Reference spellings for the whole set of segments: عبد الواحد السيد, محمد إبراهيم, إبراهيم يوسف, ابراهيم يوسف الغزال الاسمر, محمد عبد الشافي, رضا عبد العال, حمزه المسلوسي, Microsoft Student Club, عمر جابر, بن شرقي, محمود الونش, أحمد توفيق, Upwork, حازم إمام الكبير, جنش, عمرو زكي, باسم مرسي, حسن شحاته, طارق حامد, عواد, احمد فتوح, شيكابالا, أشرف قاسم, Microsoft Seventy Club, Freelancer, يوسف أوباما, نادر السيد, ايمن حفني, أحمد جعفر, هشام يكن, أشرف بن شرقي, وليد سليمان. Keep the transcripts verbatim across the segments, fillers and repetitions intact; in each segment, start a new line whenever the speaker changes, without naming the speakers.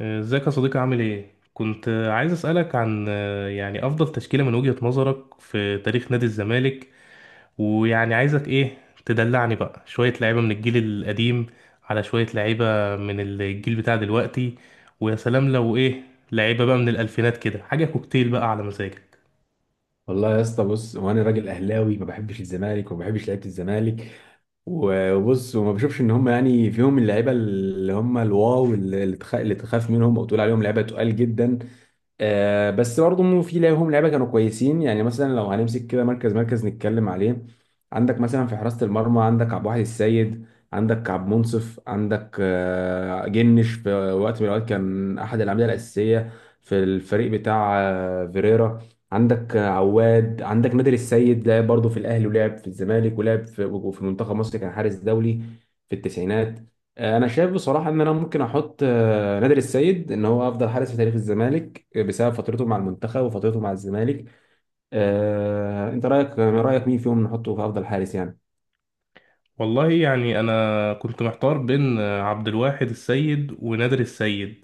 ازيك يا صديقي عامل ايه؟ كنت عايز اسألك عن آه، يعني افضل تشكيلة من وجهة نظرك في تاريخ نادي الزمالك. ويعني عايزك ايه، تدلعني بقى شوية لعيبة من الجيل القديم على شوية لعيبة من الجيل بتاع دلوقتي. ويا سلام لو ايه، لعيبة بقى من الالفينات كده، حاجة كوكتيل بقى على مزاجك.
والله يا اسطى، بص، وانا راجل اهلاوي ما بحبش الزمالك وما بحبش لعيبه الزمالك. وبص، وما بشوفش ان هم يعني فيهم اللعيبه اللي هم الواو اللي تخ- اللي تخاف منهم او تقول عليهم لعيبه تقال جدا. آه بس برضه إنه في لهم لعيبه كانوا كويسين، يعني مثلا لو هنمسك كده مركز مركز نتكلم عليه. عندك مثلا في حراسه المرمى عندك عبد الواحد السيد، عندك عبد منصف، عندك آه جنش، في وقت من الاوقات كان احد الاعمده الاساسيه في الفريق بتاع آه فيريرا. عندك آه، عواد، عندك نادر السيد، لعب برضه في الاهلي ولعب في الزمالك ولعب في وفي منتخب مصر، كان حارس دولي في التسعينات. انا شايف بصراحه ان انا ممكن احط آه، نادر السيد ان هو افضل حارس في تاريخ الزمالك، بسبب فترته مع المنتخب وفترته مع الزمالك. آه، انت رايك رايك مين فيهم نحطه في افضل حارس يعني؟
والله يعني انا كنت محتار بين آه، عبد الواحد السيد ونادر السيد.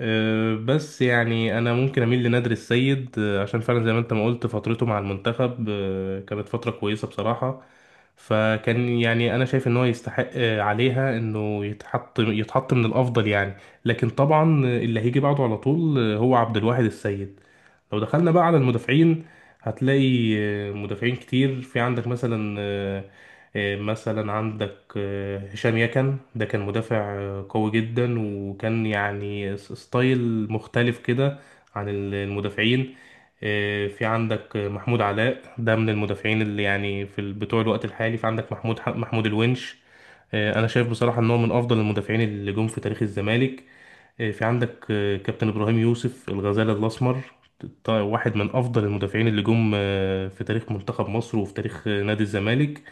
أه، بس يعني انا ممكن اميل لنادر السيد، أه، عشان فعلا زي ما انت ما قلت فترته مع المنتخب أه، كانت فترة كويسة بصراحة. فكان يعني انا شايف ان هو يستحق آه، عليها انه يتحط يتحط من الافضل يعني. لكن طبعا اللي هيجي بعده على طول، آه، هو عبد الواحد السيد. لو دخلنا بقى على المدافعين، هتلاقي آه، مدافعين كتير. في عندك مثلا آه، آه، مثلا عندك آه، هشام يكن، ده كان مدافع آه، قوي جدا، وكان يعني س- ستايل مختلف كده عن ال- المدافعين. آه، في عندك محمود علاء، ده من المدافعين اللي يعني في ال- بتوع الوقت الحالي. في عندك محمود ح- محمود الونش، آه، انا شايف بصراحة ان هو من افضل المدافعين اللي جم في تاريخ الزمالك. آه، في عندك آه، كابتن ابراهيم يوسف الغزال الاسمر، ط- واحد من افضل المدافعين اللي جم آه، في تاريخ منتخب مصر وفي تاريخ نادي الزمالك.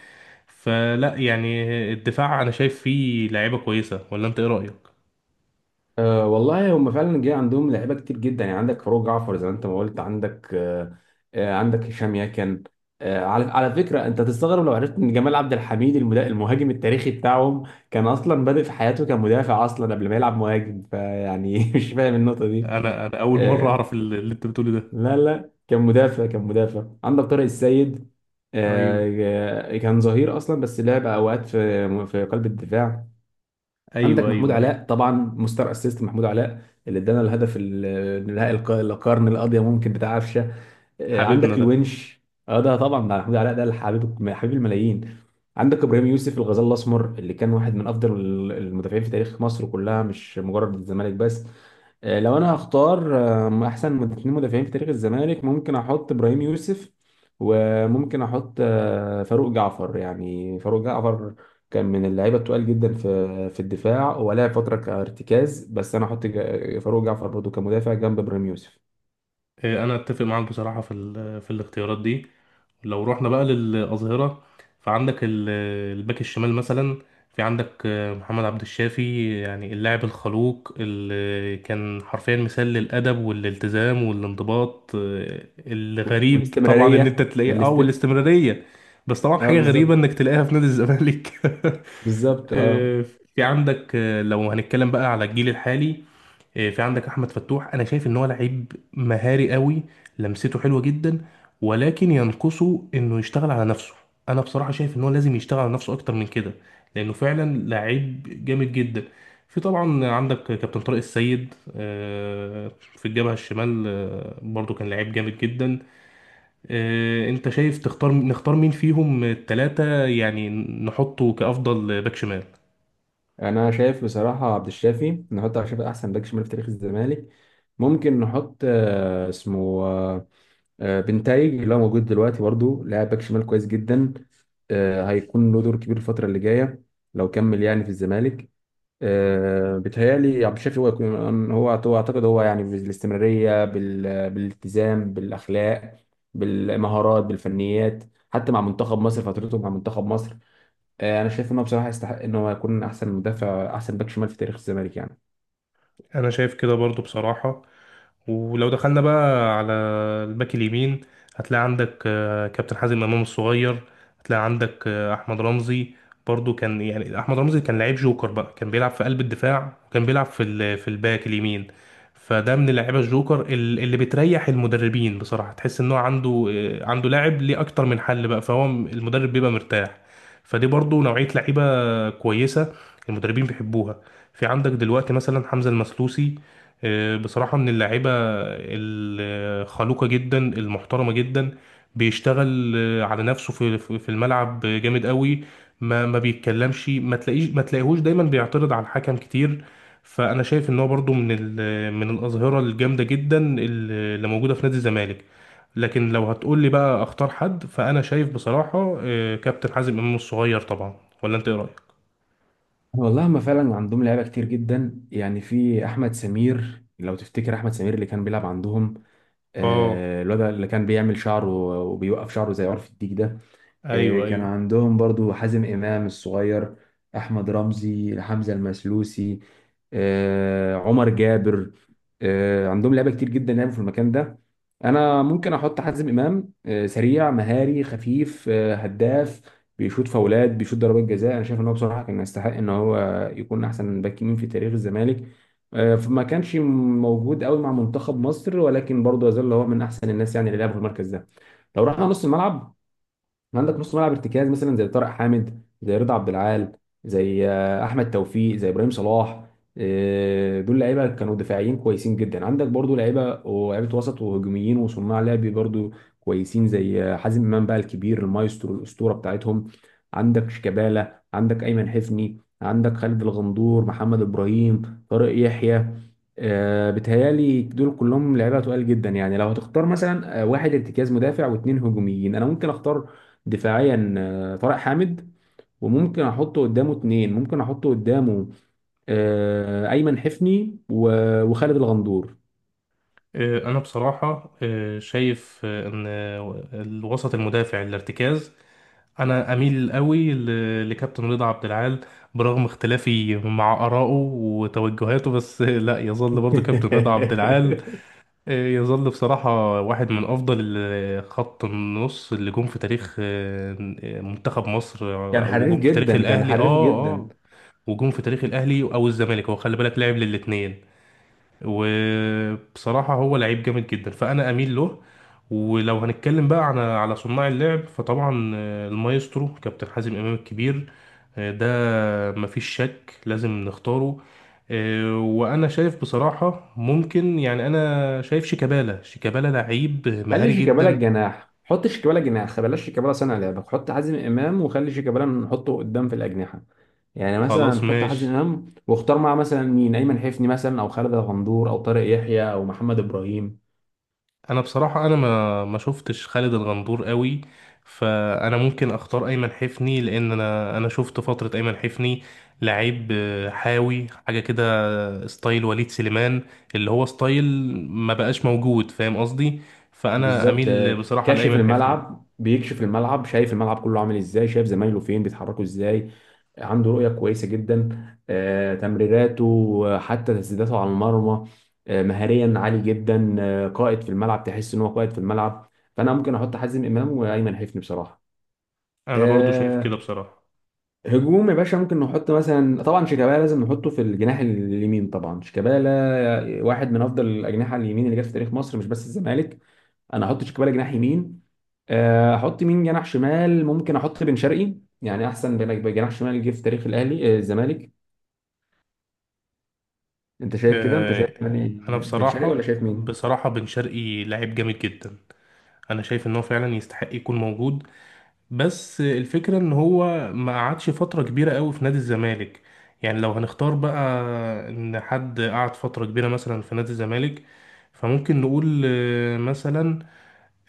فلا يعني، آه، الدفاع انا شايف فيه لعيبة كويسة، ولا انت ايه رأيك؟
أه، والله هم فعلا جه عندهم لعيبه كتير جدا، يعني عندك فاروق جعفر زي ما انت ما قلت، عندك أه آه، عندك هشام ياكن. أه، على على فكره انت تستغرب لو عرفت ان جمال عبد الحميد المدا- المهاجم التاريخي بتاعهم كان اصلا بادئ في حياته كمدافع اصلا قبل ما يلعب مهاجم، فيعني مش فاهم النقطه دي.
انا انا اول مرة
آه،
اعرف اللي اللي انت بتقوله ده.
لا لا، كان مدافع، كان مدافع. عندك طارق السيد،
ايوه،
آه، آه، كان ظهير اصلا بس لعب اوقات في في قلب الدفاع.
ايوه،
عندك محمود
ايوه، ايوه.
علاء طبعا، مستر اسيست محمود علاء اللي ادانا الهدف ال- النهائي، الق- القرن، القاضيه ممكن بتاع قفشه. آه،
حبيبنا
عندك
ده.
الونش. اه، ده طبعا ده محمود علاء ده، حبيب حبيب الملايين. عندك ابراهيم يوسف، الغزال الاسمر، اللي كان واحد من افضل المدافعين في تاريخ مصر كلها، مش مجرد الزمالك بس. آه، لو انا هختار آه، احسن من اتنين مدافعين في تاريخ الزمالك، ممكن احط ابراهيم يوسف وممكن احط آه، فاروق جعفر. يعني فاروق جعفر كان من اللعيبه التقال جدا في في الدفاع، ولعب فتره كارتكاز، بس انا احط جا- فاروق جعفر برضه كمدافع جنب ابراهيم يوسف.
آه، انا اتفق معاك بصراحه في ال- في الاختيارات دي. لو رحنا بقى للاظهره، فعندك ال- الباك الشمال مثلا. في عندك آه، محمد عبد الشافي، يعني اللاعب الخلوق اللي كان حرفيا مثال للادب والالتزام والانضباط. آه،
و-
الغريب طبعا ان انت
والاستمرارية
تلاقيه اه
والاست.
والاستمراريه، بس طبعا
اه
حاجه غريبه
بالظبط،
انك تلاقيها في نادي الزمالك.
بالظبط اه.
في عندك آه، لو هنتكلم بقى على الجيل الحالي، إيه، في عندك احمد فتوح، انا شايف ان هو لعيب مهاري قوي، لمسته حلوه جدا، ولكن ينقصه انه يشتغل على نفسه. انا بصراحه شايف ان هو لازم يشتغل على نفسه اكتر من كده، لانه فعلا لعيب جامد جدا. في طبعا عندك كابتن طارق السيد، آه، في الجبهه الشمال، آه، برضو كان لعيب جامد جدا. آه، انت شايف تختار نختار مين فيهم التلاتة يعني، نحطه كافضل باك شمال؟
يعني انا شايف بصراحة عبد الشافي، نحط عبد الشافي احسن باك شمال في تاريخ الزمالك. ممكن نحط آه اسمه آه آه، بنتايج، اللي هو موجود دلوقتي برضه، لاعب باك شمال كويس جدا، آه هيكون له دور كبير الفترة اللي جاية لو كمل يعني في الزمالك. آه، بيتهيألي عبد الشافي هو يكون- هو هو اعتقد هو، يعني بالاستمرارية، بال- بالالتزام، بالأخلاق، بالمهارات، بالفنيات، حتى مع منتخب مصر، فترته مع منتخب مصر، آه، انا شايف انه بصراحة يستحق ان هو يكون احسن مدافع، احسن باك شمال في تاريخ الزمالك يعني.
انا شايف كده برضو بصراحه. ولو دخلنا بقى على الباك اليمين، هتلاقي عندك آه، كابتن حازم امام الصغير، هتلاقي عندك آه، احمد رمزي. برضو كان يعني احمد رمزي كان لعيب جوكر بقى، كان بيلعب في قلب الدفاع وكان بيلعب في ال- في الباك اليمين. فده من اللعيبه الجوكر ال- اللي بتريح المدربين بصراحه، تحس ان هو عنده آه، عنده لاعب ليه اكتر من حل بقى، فهو م- المدرب بيبقى مرتاح. فدي برضو نوعيه لعيبه كويسه المدربين بيحبوها. في عندك دلوقتي مثلا حمزه المسلوسي، آه، بصراحه من اللعيبه الخلوقة جدا المحترمة جدا. بيشتغل آه، على نفسه في في في الملعب جامد قوي. ما ما بيتكلمش، ما تلاقيش، ما تلاقيهوش دايما بيعترض على الحكم كتير. فانا شايف ان هو برضو من ال- من الاظهرة الجامدة جدا اللي موجودة في نادي الزمالك. لكن لو هتقول لي بقى اختار حد، فانا شايف بصراحة آه، كابتن حازم امام الصغير طبعا. ولا انت ايه رأيك؟
والله هم فعلا عندهم لعيبة كتير جدا، يعني في احمد سمير، لو تفتكر احمد سمير اللي كان بيلعب عندهم،
اه،
آه، الواد اللي كان بيعمل شعره وبيوقف شعره زي عرف الديك ده.
ايوه،
إيه، كان
ايوه.
عندهم برضو حازم إمام الصغير، أحمد رمزي، حمزة المسلوسي، آه، عمر جابر. آه، عندهم لعيبة كتير جدا لعبوا في المكان ده. أنا ممكن أحط حازم إمام، آه، سريع، مهاري، خفيف، آه، هداف، بيشوط فاولات، بيشوط ضربات جزاء. أنا شايف إن هو بصراحة كان يستحق إن هو يكون أحسن باك يمين في تاريخ الزمالك. آه، فما كانش موجود قوي مع منتخب مصر، ولكن برضه يظل هو من أحسن الناس يعني اللي لعبوا في المركز ده. لو رحنا نص الملعب، عندك نص ملعب ارتكاز مثلا زي طارق حامد، زي رضا عبد العال، زي آه، احمد توفيق، زي ابراهيم صلاح. آه، دول لعيبه كانوا دفاعيين كويسين جدا. عندك برضو لعيبه، ولعيبه وسط وهجوميين وصناع لعب برضو كويسين، زي آه، حازم امام بقى الكبير، المايسترو، الاسطوره بتاعتهم. عندك شيكابالا، عندك ايمن حفني، عندك خالد الغندور، محمد ابراهيم، طارق يحيى. آه، بتهيالي دول كلهم لعيبه تقال جدا. يعني لو هتختار مثلا آه، واحد ارتكاز مدافع واثنين هجوميين، انا ممكن اختار دفاعيا آه، طارق حامد، وممكن احط قدامه اتنين، ممكن احط قدامه آه، ايمن حفني و- وخالد الغندور.
آه، أنا بصراحة آه، شايف آه، إن آه، الوسط المدافع الارتكاز، أنا أميل قوي ل- لكابتن رضا عبد العال، برغم اختلافي مع آرائه وتوجهاته بس آه، لا، يظل برضو كابتن رضا عبد العال. آه، يظل بصراحة واحد من أفضل ال- خط النص اللي جم في تاريخ آه، منتخب مصر،
كان
آه،
حريف
وجم في تاريخ
جدا، كان
الأهلي
حريف
آه
جدا.
آه وجم في تاريخ الأهلي أو الزمالك، هو خلي بالك لعب للاتنين. وبصراحة هو لعيب جامد جدا فأنا أميل له. ولو هنتكلم بقى عن على صناع اللعب، فطبعا آه، المايسترو كابتن حازم إمام الكبير، آه، ده مفيش شك لازم نختاره. آه، وأنا شايف بصراحة ممكن يعني أنا شايف شيكابالا شيكابالا لعيب
خلي
مهاري
شيكابالا
جدا.
الجناح، حط شيكابالا جناح، بلاش شيكابالا صانع لعبك، حط حازم امام، وخلي شيكابالا نحطه قدام في الاجنحه. يعني مثلا
خلاص
نحط حازم
ماشي.
امام واختار معاه مثلا مين، ايمن حفني مثلا، او خالد الغندور، او طارق يحيى، او محمد ابراهيم.
انا بصراحه، انا ما ما شفتش خالد الغندور قوي، فانا ممكن اختار ايمن حفني، لان انا انا شفت فتره ايمن حفني لعيب آه، حاوي حاجه كده، آه، ستايل وليد سليمان، اللي هو ستايل ما بقاش موجود، فاهم قصدي؟ فانا
بالظبط،
اميل
آه،
بصراحه
كاشف
لايمن حفني.
الملعب، بيكشف الملعب، شايف الملعب كله عامل ازاي، شايف زمايله فين بيتحركوا ازاي، عنده رؤية كويسة جدا، آه، تمريراته، آه، حتى تسديداته على المرمى، آه، مهاريا عالي جدا، آه، قائد في الملعب، تحس ان هو قائد في الملعب. فانا ممكن احط حازم امام وايمن حفني بصراحة.
انا برضو شايف كده
آه،
بصراحه.
هجوم يا باشا، ممكن نحط مثلا، طبعا شيكابالا لازم نحطه في الجناح اليمين، طبعا شيكابالا واحد من افضل الاجنحة اليمين اللي جت في تاريخ مصر، مش بس الزمالك. انا احط شيكابالا جناح يمين، آه، احط مين جناح شمال؟ ممكن احط بن شرقي، يعني احسن بن- جناح شمال جه في تاريخ الاهلي آه، الزمالك. انت شايف كده؟ انت شايف
آه،
يعني
انا
بن شرقي، ولا
بصراحه
شايف مين؟
بصراحه بن شرقي لعيب جامد جدا. انا شايف ان هو فعلا يستحق يكون موجود، بس الفكرة ان هو ما قعدش فترة كبيرة قوي في نادي الزمالك. يعني لو هنختار بقى ان حد قعد فترة كبيرة مثلا في نادي الزمالك، فممكن نقول آه، مثلا،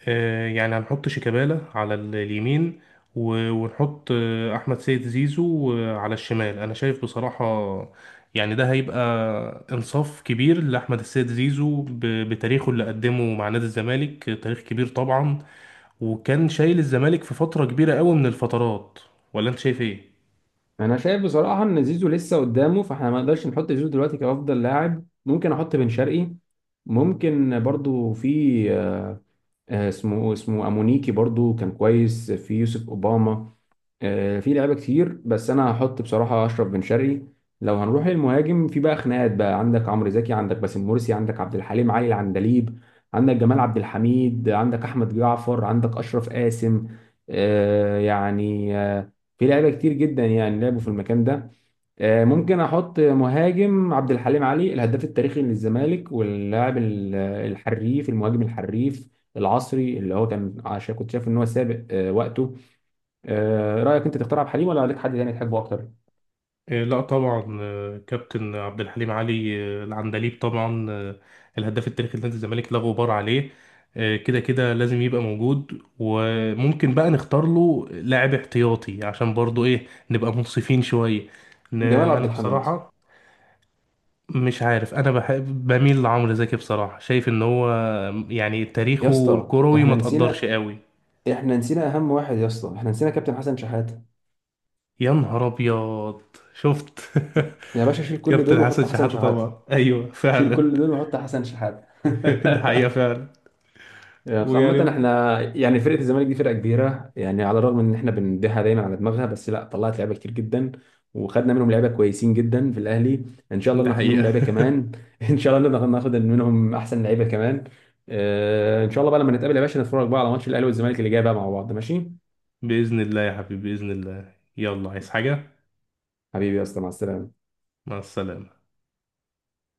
آه، يعني هنحط شيكابالا على ال- اليمين، و- ونحط آه، احمد سيد زيزو آه، على الشمال. انا شايف بصراحة يعني ده هيبقى انصاف كبير لاحمد السيد زيزو ب- بتاريخه اللي قدمه مع نادي الزمالك، آه، تاريخ كبير طبعا، وكان شايل الزمالك في فترة كبيرة قوي من الفترات. ولا انت شايف ايه؟
انا شايف بصراحه ان زيزو لسه قدامه، فاحنا ما نقدرش نحط زيزو دلوقتي كافضل لاعب. ممكن احط بن شرقي، ممكن برضو في آه، آه، اسمه، اسمه امونيكي برضو كان كويس، في يوسف اوباما. آه، في لعيبه كتير، بس انا هحط بصراحه اشرف بن شرقي. لو هنروح للمهاجم، في بقى خناقات بقى، عندك عمرو زكي، عندك باسم مرسي، عندك عبد الحليم علي العندليب، عندك جمال عبد الحميد، عندك احمد جعفر، عندك اشرف قاسم. آه، يعني آه، في لعيبه كتير جدا يعني لعبوا في المكان ده. آه، ممكن احط مهاجم عبد الحليم علي، الهداف التاريخي للزمالك واللاعب ال- الحريف، المهاجم الحريف العصري، اللي هو كان عشان كنت شايف ان هو سابق آه، وقته. آه، رايك انت تختار عبد الحليم، ولا لك حد تاني تحبه اكتر؟
آه، لا طبعا، آه، كابتن عبد الحليم علي آه، العندليب طبعا، آه، الهداف التاريخي لنادي الزمالك، لا غبار عليه. آه، كده كده لازم يبقى موجود، وممكن بقى نختار له لاعب احتياطي، عشان برضو ايه نبقى منصفين شوية. ن-
جمال عبد
انا
الحميد.
بصراحة مش عارف، انا بحب بميل لعمرو زكي بصراحة، شايف ان هو يعني
يا
تاريخه
اسطى
الكروي
احنا
ما تقدرش
نسينا،
قوي.
احنا نسينا اهم واحد يا اسطى، احنا نسينا كابتن حسن شحاته.
يا نهار ابيض، شفت؟
يا باشا شيل كل
كابتن
دول وحط
حسن
حسن
شحاتة طبعا،
شحاته،
ايوه
شيل
فعلا.
كل دول وحط حسن شحاته.
ده حقيقة فعلا.
آه، عامة
ويعني
احنا يعني فرقة الزمالك دي فرقة كبيرة، يعني على الرغم ان احنا بنديها دايما على دماغها، بس لا، طلعت لعيبة كتير جدا، وخدنا منهم لعيبة كويسين جدا في الاهلي. ان شاء الله
ده
ناخد منهم
حقيقة.
لعيبة كمان، ان شاء الله ناخد ناخد منهم احسن لعيبة كمان. آه، ان شاء الله بقى لما نتقابل يا باشا نتفرج بقى على ماتش الاهلي والزمالك اللي جاي بقى مع بعض، ماشي؟
بإذن الله يا حبيبي، بإذن الله، يلا عايز حاجة؟
حبيبي يا اسطى، مع السلامة.
مع السلامة.